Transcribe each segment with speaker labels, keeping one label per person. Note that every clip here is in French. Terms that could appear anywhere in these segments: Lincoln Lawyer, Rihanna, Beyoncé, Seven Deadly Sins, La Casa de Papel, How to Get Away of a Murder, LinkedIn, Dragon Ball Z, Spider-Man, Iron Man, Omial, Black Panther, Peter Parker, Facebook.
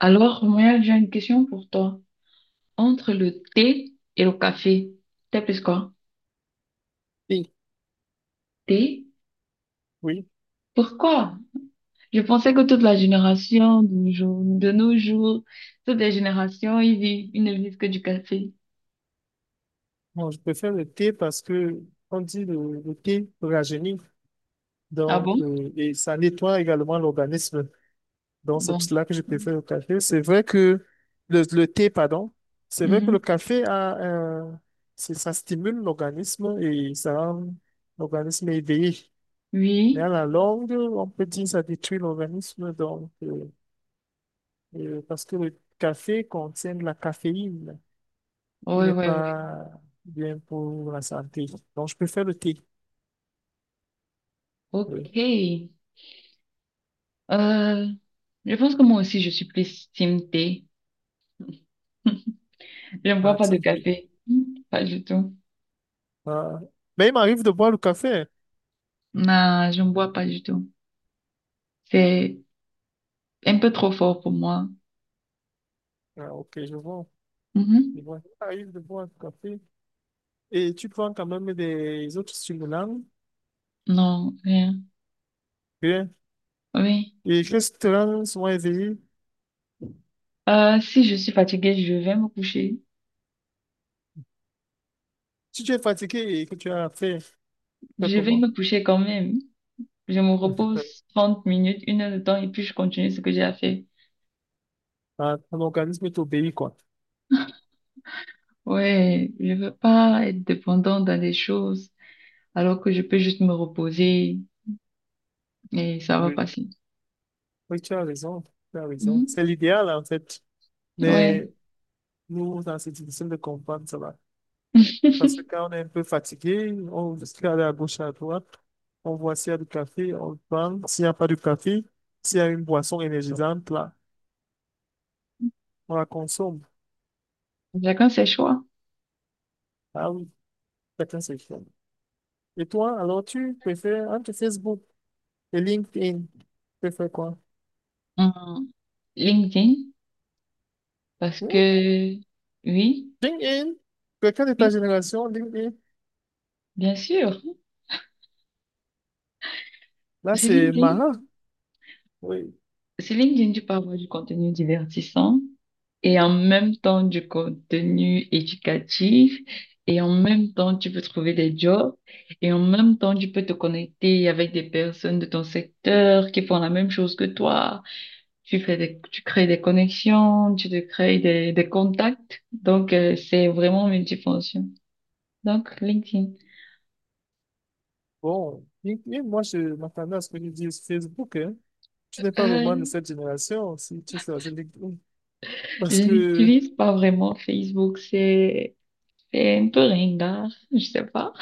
Speaker 1: Alors, moi, j'ai une question pour toi. Entre le thé et le café, t'es plus quoi?
Speaker 2: Oui,
Speaker 1: Thé?
Speaker 2: oui.
Speaker 1: Pourquoi? Je pensais que toute la génération de nos jours, toutes les générations, ils vivent, ils ne vivent que du café.
Speaker 2: Moi, je préfère le thé parce que on dit le thé rajeunit,
Speaker 1: Ah bon?
Speaker 2: et ça nettoie également l'organisme. Donc c'est pour
Speaker 1: Bon.
Speaker 2: cela que je préfère le café. C'est vrai que le thé, pardon, c'est vrai que le
Speaker 1: Mhm.
Speaker 2: café a un- ça stimule l'organisme et ça rend l'organisme éveillé. Mais
Speaker 1: Oui?
Speaker 2: à la longue, on peut dire que ça détruit l'organisme parce que le café contient de la caféine, qui
Speaker 1: Oui,
Speaker 2: n'est
Speaker 1: oui, oui.
Speaker 2: pas bien pour la santé. Donc, je préfère le thé. Oui.
Speaker 1: Ok. Euh, je pense que moi aussi, je suis plus team thé. Je ne
Speaker 2: Ah,
Speaker 1: bois pas de
Speaker 2: tiens, oui.
Speaker 1: café. Pas du tout.
Speaker 2: Ah, mais il m'arrive de boire le café.
Speaker 1: Non, je ne bois pas du tout. C'est un peu trop fort pour moi.
Speaker 2: Ah, ok, je vois. Je
Speaker 1: Mhm.
Speaker 2: vois. Il m'arrive de boire le café et tu prends quand même des autres stimulants
Speaker 1: Non, rien.
Speaker 2: bien,
Speaker 1: Oui.
Speaker 2: et que ce te rend souvent éveillé.
Speaker 1: Si je suis fatiguée, je vais me coucher.
Speaker 2: Si tu es fatigué et que tu fais
Speaker 1: Je vais
Speaker 2: comment?
Speaker 1: me coucher quand même. Je me repose 30 minutes, une heure de temps, et puis je continue ce que j'ai à faire.
Speaker 2: Ah, ton organisme t'obéit, quoi.
Speaker 1: Ouais, je veux pas être dépendante dans des choses alors que je peux juste me reposer et ça va
Speaker 2: Oui.
Speaker 1: passer.
Speaker 2: Oui, tu as raison. Tu as raison.
Speaker 1: Mhm.
Speaker 2: C'est l'idéal, en fait.
Speaker 1: Ouais.
Speaker 2: Mais nous, dans cette édition de comprendre, ça va. Parce que quand on est un peu fatigué, on se aller à gauche, à droite, on voit s'il y a du café, on le prend. S'il n'y a pas de café, s'il y a une boisson énergisante, là, on la consomme.
Speaker 1: Chacun ses choix.
Speaker 2: Ah oui, chacun ses choix. Et toi, alors tu préfères entre Facebook et LinkedIn, tu préfères quoi?
Speaker 1: Hum, LinkedIn, parce
Speaker 2: Hmm?
Speaker 1: que oui,
Speaker 2: LinkedIn? Quelqu'un de ta
Speaker 1: oui,
Speaker 2: génération, LinkedIn?
Speaker 1: bien sûr.
Speaker 2: Là,
Speaker 1: C'est
Speaker 2: c'est
Speaker 1: LinkedIn.
Speaker 2: marrant. Oui.
Speaker 1: Sur LinkedIn, tu peux avoir du contenu divertissant et en même temps du contenu éducatif et en même temps tu peux trouver des jobs et en même temps tu peux te connecter avec des personnes de ton secteur qui font la même chose que toi. Tu fais des- tu crées des connexions, tu te crées des contacts. Donc, c'est vraiment multifonction. Donc, LinkedIn.
Speaker 2: Bon, LinkedIn, moi, je m'attendais à ce que tu dises Facebook, hein. Tu n'es pas vraiment de
Speaker 1: Euh,
Speaker 2: cette génération si tu choisis LinkedIn.
Speaker 1: je
Speaker 2: Parce que
Speaker 1: n'utilise pas vraiment Facebook, c'est un peu ringard, je sais pas.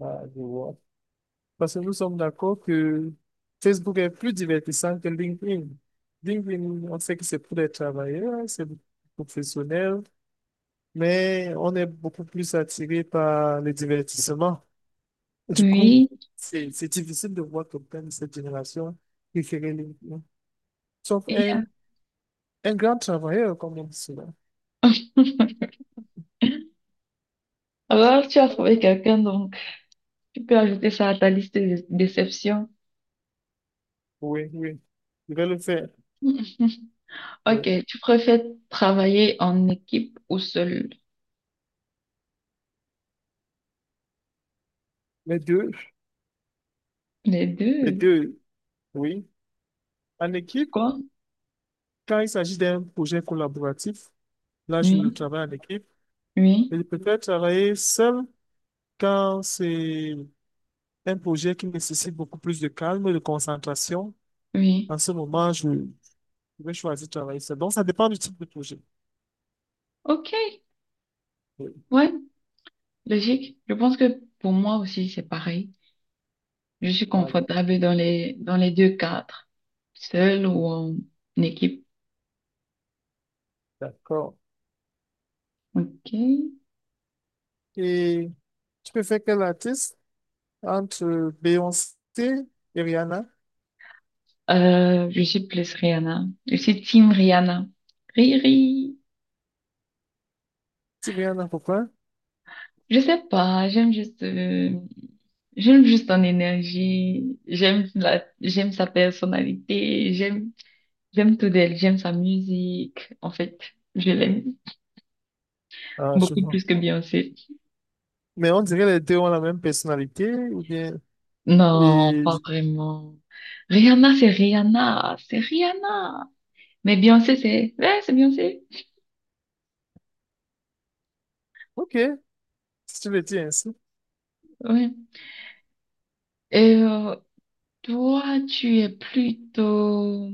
Speaker 2: ah, je vois. Parce que nous sommes d'accord que Facebook est plus divertissant que LinkedIn. LinkedIn, on sait que c'est pour les travailleurs, hein, c'est pour les professionnels, mais on est beaucoup plus attiré par le divertissement. Du coup,
Speaker 1: Oui.
Speaker 2: c'est difficile de voir quelqu'un de cette génération préférer LinkedIn. Sauf
Speaker 1: Et
Speaker 2: un grand travailleur, comme on dit cela.
Speaker 1: Alors, tu as trouvé quelqu'un, donc tu peux ajouter ça à ta liste de déceptions.
Speaker 2: Oui, oui, je vais le faire.
Speaker 1: Ok,
Speaker 2: Oui.
Speaker 1: tu préfères travailler en équipe ou seul?
Speaker 2: Les deux,
Speaker 1: Les
Speaker 2: les
Speaker 1: deux.
Speaker 2: deux, oui. En équipe,
Speaker 1: Pourquoi?
Speaker 2: quand il s'agit d'un projet collaboratif, là, je ne
Speaker 1: Oui,
Speaker 2: travaille en équipe.
Speaker 1: oui,
Speaker 2: Et je préfère travailler seul quand c'est un projet qui nécessite beaucoup plus de calme et de concentration.
Speaker 1: oui.
Speaker 2: En ce moment, je vais choisir de travailler seul. Donc, ça dépend du type de projet.
Speaker 1: Ok,
Speaker 2: Oui,
Speaker 1: ouais, logique. Je pense que pour moi aussi, c'est pareil. Je suis
Speaker 2: voilà.
Speaker 1: confortable dans les deux cadres, seul ou en équipe.
Speaker 2: D'accord.
Speaker 1: Ok.
Speaker 2: Et tu préfères quel artiste entre Beyoncé et Rihanna?
Speaker 1: Je suis plus Rihanna. Je suis team Rihanna. Riri.
Speaker 2: C'est bien, non, pourquoi?
Speaker 1: Je sais pas, j'aime juste son énergie, j'aime la, j'aime sa personnalité, j'aime, j'aime tout d'elle, j'aime sa musique. En fait, je l'aime
Speaker 2: Ah, je
Speaker 1: beaucoup
Speaker 2: vois.
Speaker 1: plus que Beyoncé.
Speaker 2: Mais on dirait les deux ont la même personnalité, ou bien...
Speaker 1: Non,
Speaker 2: Et...
Speaker 1: pas vraiment. Rihanna, c'est Rihanna, c'est Rihanna. Mais Beyoncé, c'est, ouais, c'est Beyoncé.
Speaker 2: Ok, si tu le dis ainsi.
Speaker 1: Ouais. Et toi, tu es plutôt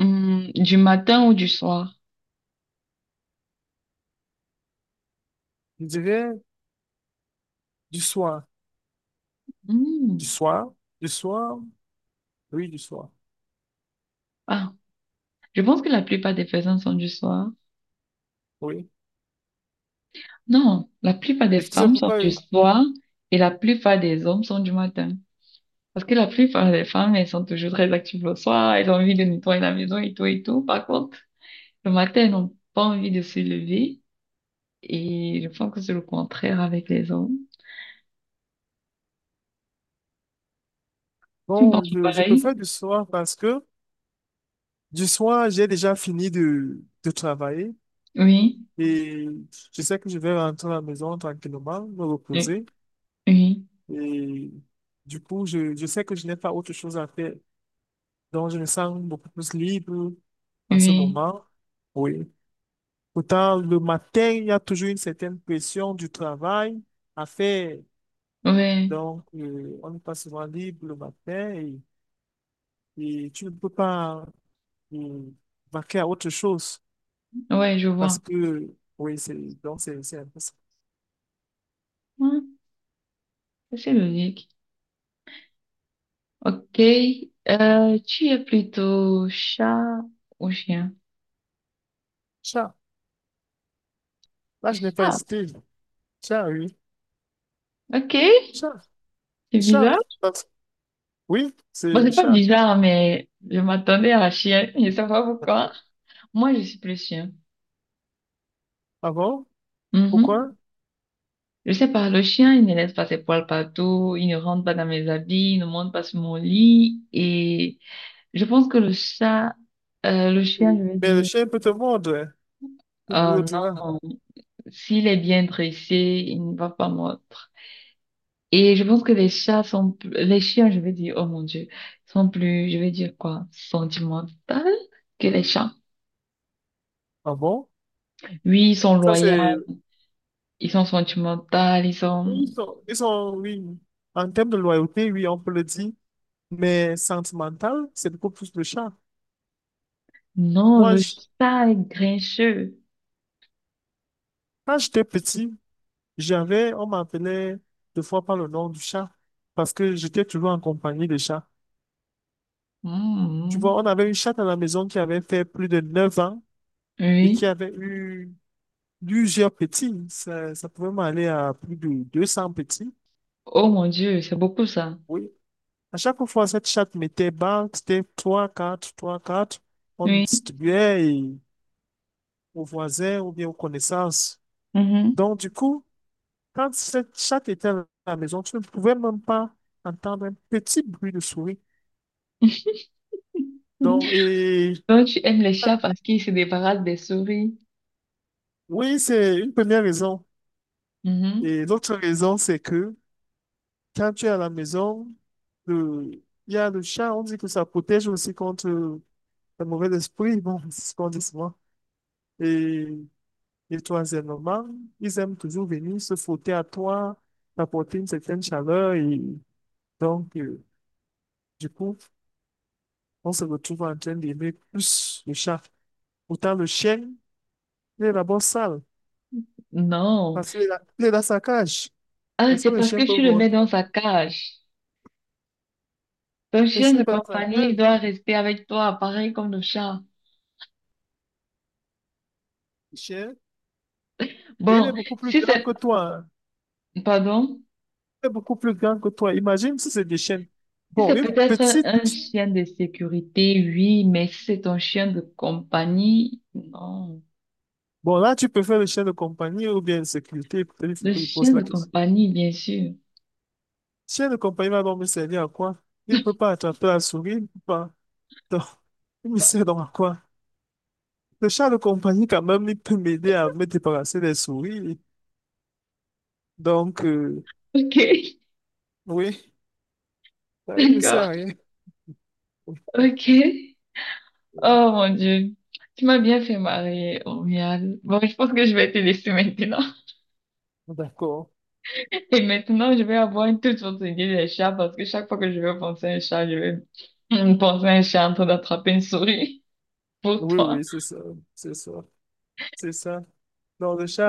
Speaker 1: du matin ou du soir?
Speaker 2: Je dirais du soir. Du
Speaker 1: Hum,
Speaker 2: soir? Du soir? Oui, du soir.
Speaker 1: Ah. Je pense que la plupart des personnes sont du soir.
Speaker 2: Oui.
Speaker 1: Non, la plupart des
Speaker 2: Est-ce que c'est
Speaker 1: femmes sont
Speaker 2: pourquoi...
Speaker 1: du soir et la plupart des hommes sont du matin. Parce que la plupart des femmes, elles sont toujours très actives le soir, elles ont envie de nettoyer la maison et tout et tout. Par contre, le matin, elles n'ont pas envie de se lever et je pense que c'est le contraire avec les hommes. Tu me
Speaker 2: Bon,
Speaker 1: penses
Speaker 2: je
Speaker 1: pareil?
Speaker 2: préfère du soir parce que du soir, j'ai déjà fini de travailler.
Speaker 1: Oui,
Speaker 2: Et je sais que je vais rentrer à la maison tranquillement, me
Speaker 1: oui,
Speaker 2: reposer.
Speaker 1: oui,
Speaker 2: Et du coup, je sais que je n'ai pas autre chose à faire. Donc, je me sens beaucoup plus libre en ce
Speaker 1: oui,
Speaker 2: moment. Oui. Pourtant, le matin, il y a toujours une certaine pression du travail à faire.
Speaker 1: ouais,
Speaker 2: Donc, on n'est pas souvent libre le matin et tu ne peux pas euh, vaquer à autre chose
Speaker 1: ouais, je
Speaker 2: parce
Speaker 1: vois.
Speaker 2: que, donc c'est un peu ça.
Speaker 1: Ouais, c'est logique. Ok, tu es plutôt chat ou chien?
Speaker 2: Tiens, là, je n'ai pas
Speaker 1: Ah,
Speaker 2: hésité. Tiens, oui.
Speaker 1: ok,
Speaker 2: Chat,
Speaker 1: c'est
Speaker 2: chat.
Speaker 1: bizarre.
Speaker 2: Euh, Oui,
Speaker 1: Bon,
Speaker 2: c'est
Speaker 1: c'est pas
Speaker 2: chat.
Speaker 1: bizarre, mais je m'attendais à la chienne. Je sais pas pourquoi. Moi, je suis plus chien.
Speaker 2: Ah bon?
Speaker 1: Mhm.
Speaker 2: Pourquoi?
Speaker 1: Je sais pas, le chien, il ne laisse pas ses poils partout, il ne rentre pas dans mes habits, il ne monte pas sur mon lit. Et je pense que le chat, le chien, je
Speaker 2: Oui.
Speaker 1: veux
Speaker 2: Mais le
Speaker 1: dire,
Speaker 2: chien peut te mordre. Tout
Speaker 1: oh
Speaker 2: l'autre là.
Speaker 1: non, s'il est bien dressé, il ne va pas mordre. Et je pense que les chats sont, plus- les chiens, je veux dire, oh mon Dieu, sont plus, je veux dire quoi, sentimentaux que les chats.
Speaker 2: Ah bon?
Speaker 1: Oui, ils sont
Speaker 2: Ça,
Speaker 1: loyaux,
Speaker 2: c'est.
Speaker 1: ils sont sentimentaux, ils sont...
Speaker 2: Ils sont, oui. En termes de loyauté, oui, on peut le dire. Mais sentimental, c'est beaucoup plus le chat.
Speaker 1: Non,
Speaker 2: Moi,
Speaker 1: le
Speaker 2: je-
Speaker 1: chat est grincheux.
Speaker 2: quand j'étais petit, j'avais, on m'appelait deux fois par le nom du chat. Parce que j'étais toujours en compagnie des chats. Tu vois,
Speaker 1: Mhm.
Speaker 2: on avait une chatte à la maison qui avait fait plus de 9 ans et qui
Speaker 1: Oui.
Speaker 2: avait eu plusieurs petits. Ça pouvait m'aller à plus de 200 petits.
Speaker 1: Oh mon Dieu, c'est beaucoup ça.
Speaker 2: Oui. À chaque fois, cette chatte mettait banque, c'était 3, 4, 3, 4. On
Speaker 1: Oui.
Speaker 2: distribuait et aux voisins ou bien aux connaissances.
Speaker 1: Mhm.
Speaker 2: Donc, du coup, quand cette chatte était à la maison, tu ne pouvais même pas entendre un petit bruit de souris. Donc, et
Speaker 1: Donc, tu aimes les chats parce qu'ils se débarrassent des souris.
Speaker 2: oui, c'est une première raison.
Speaker 1: Mhm.
Speaker 2: Et l'autre raison, c'est que quand tu es à la maison, le- il y a le chat, on dit que ça protège aussi contre le mauvais esprit, bon, c'est ce qu'on dit souvent. Et, et troisièmement, ils aiment toujours venir se frotter à toi, t'apporter une certaine chaleur. Et donc, du coup, on se retrouve en train d'aimer plus le chat. Pourtant, le chien, il est d'abord sale,
Speaker 1: Non.
Speaker 2: parce qu'il est, il est dans sa cage.
Speaker 1: Ah,
Speaker 2: Est-ce
Speaker 1: c'est
Speaker 2: que le
Speaker 1: parce que
Speaker 2: chien peut
Speaker 1: tu le mets
Speaker 2: monter?
Speaker 1: dans sa cage. Ton
Speaker 2: Mais
Speaker 1: chien
Speaker 2: s'il n'est
Speaker 1: de
Speaker 2: pas dans sa
Speaker 1: compagnie
Speaker 2: cage,
Speaker 1: doit rester avec toi, pareil comme le chat.
Speaker 2: le chien, et il est
Speaker 1: Bon,
Speaker 2: beaucoup plus
Speaker 1: si
Speaker 2: grand
Speaker 1: c'est...
Speaker 2: que toi, hein.
Speaker 1: Pardon?
Speaker 2: Il est beaucoup plus grand que toi. Imagine si c'est des chiens.
Speaker 1: Si
Speaker 2: Bon,
Speaker 1: c'est
Speaker 2: une
Speaker 1: peut-être un
Speaker 2: petite.
Speaker 1: chien de sécurité, oui, mais si c'est ton chien de compagnie, non.
Speaker 2: Bon, là, tu peux faire le chien de compagnie ou bien de sécurité. Peut-être il faut
Speaker 1: Le
Speaker 2: que je pose
Speaker 1: chien
Speaker 2: la
Speaker 1: de
Speaker 2: question.
Speaker 1: compagnie, bien sûr.
Speaker 2: Chien de compagnie va donc me servir à quoi? Il ne peut pas. Donc, il me sert donc à quoi? Le chat de compagnie, quand même, il peut m'aider à me débarrasser des souris. Donc,
Speaker 1: Ok,
Speaker 2: oui, ça, il ne me sert
Speaker 1: d'accord,
Speaker 2: à rien.
Speaker 1: ok. Oh mon Dieu, tu m'as bien fait marrer, Omial. Bon, je pense que je vais te laisser maintenant.
Speaker 2: D'accord.
Speaker 1: Et maintenant, je vais avoir une toute autre idée des chats parce que chaque fois que je vais penser à un chat, je vais penser à un chat en train d'attraper une souris pour
Speaker 2: Oui,
Speaker 1: toi.
Speaker 2: oui, c'est ça. C'est ça. C'est ça. Donc, le chat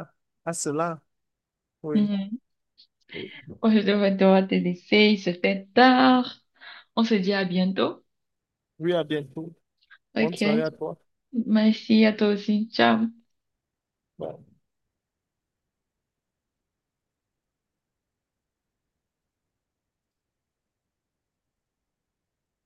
Speaker 2: a, a cela. Oui.
Speaker 1: Mhm. Ouais, je vais devoir te laisser, il se fait tard. On se dit à bientôt.
Speaker 2: Oui, à bientôt. Bonne soirée
Speaker 1: Ok.
Speaker 2: à toi.
Speaker 1: Merci à toi aussi. Ciao.
Speaker 2: Bye.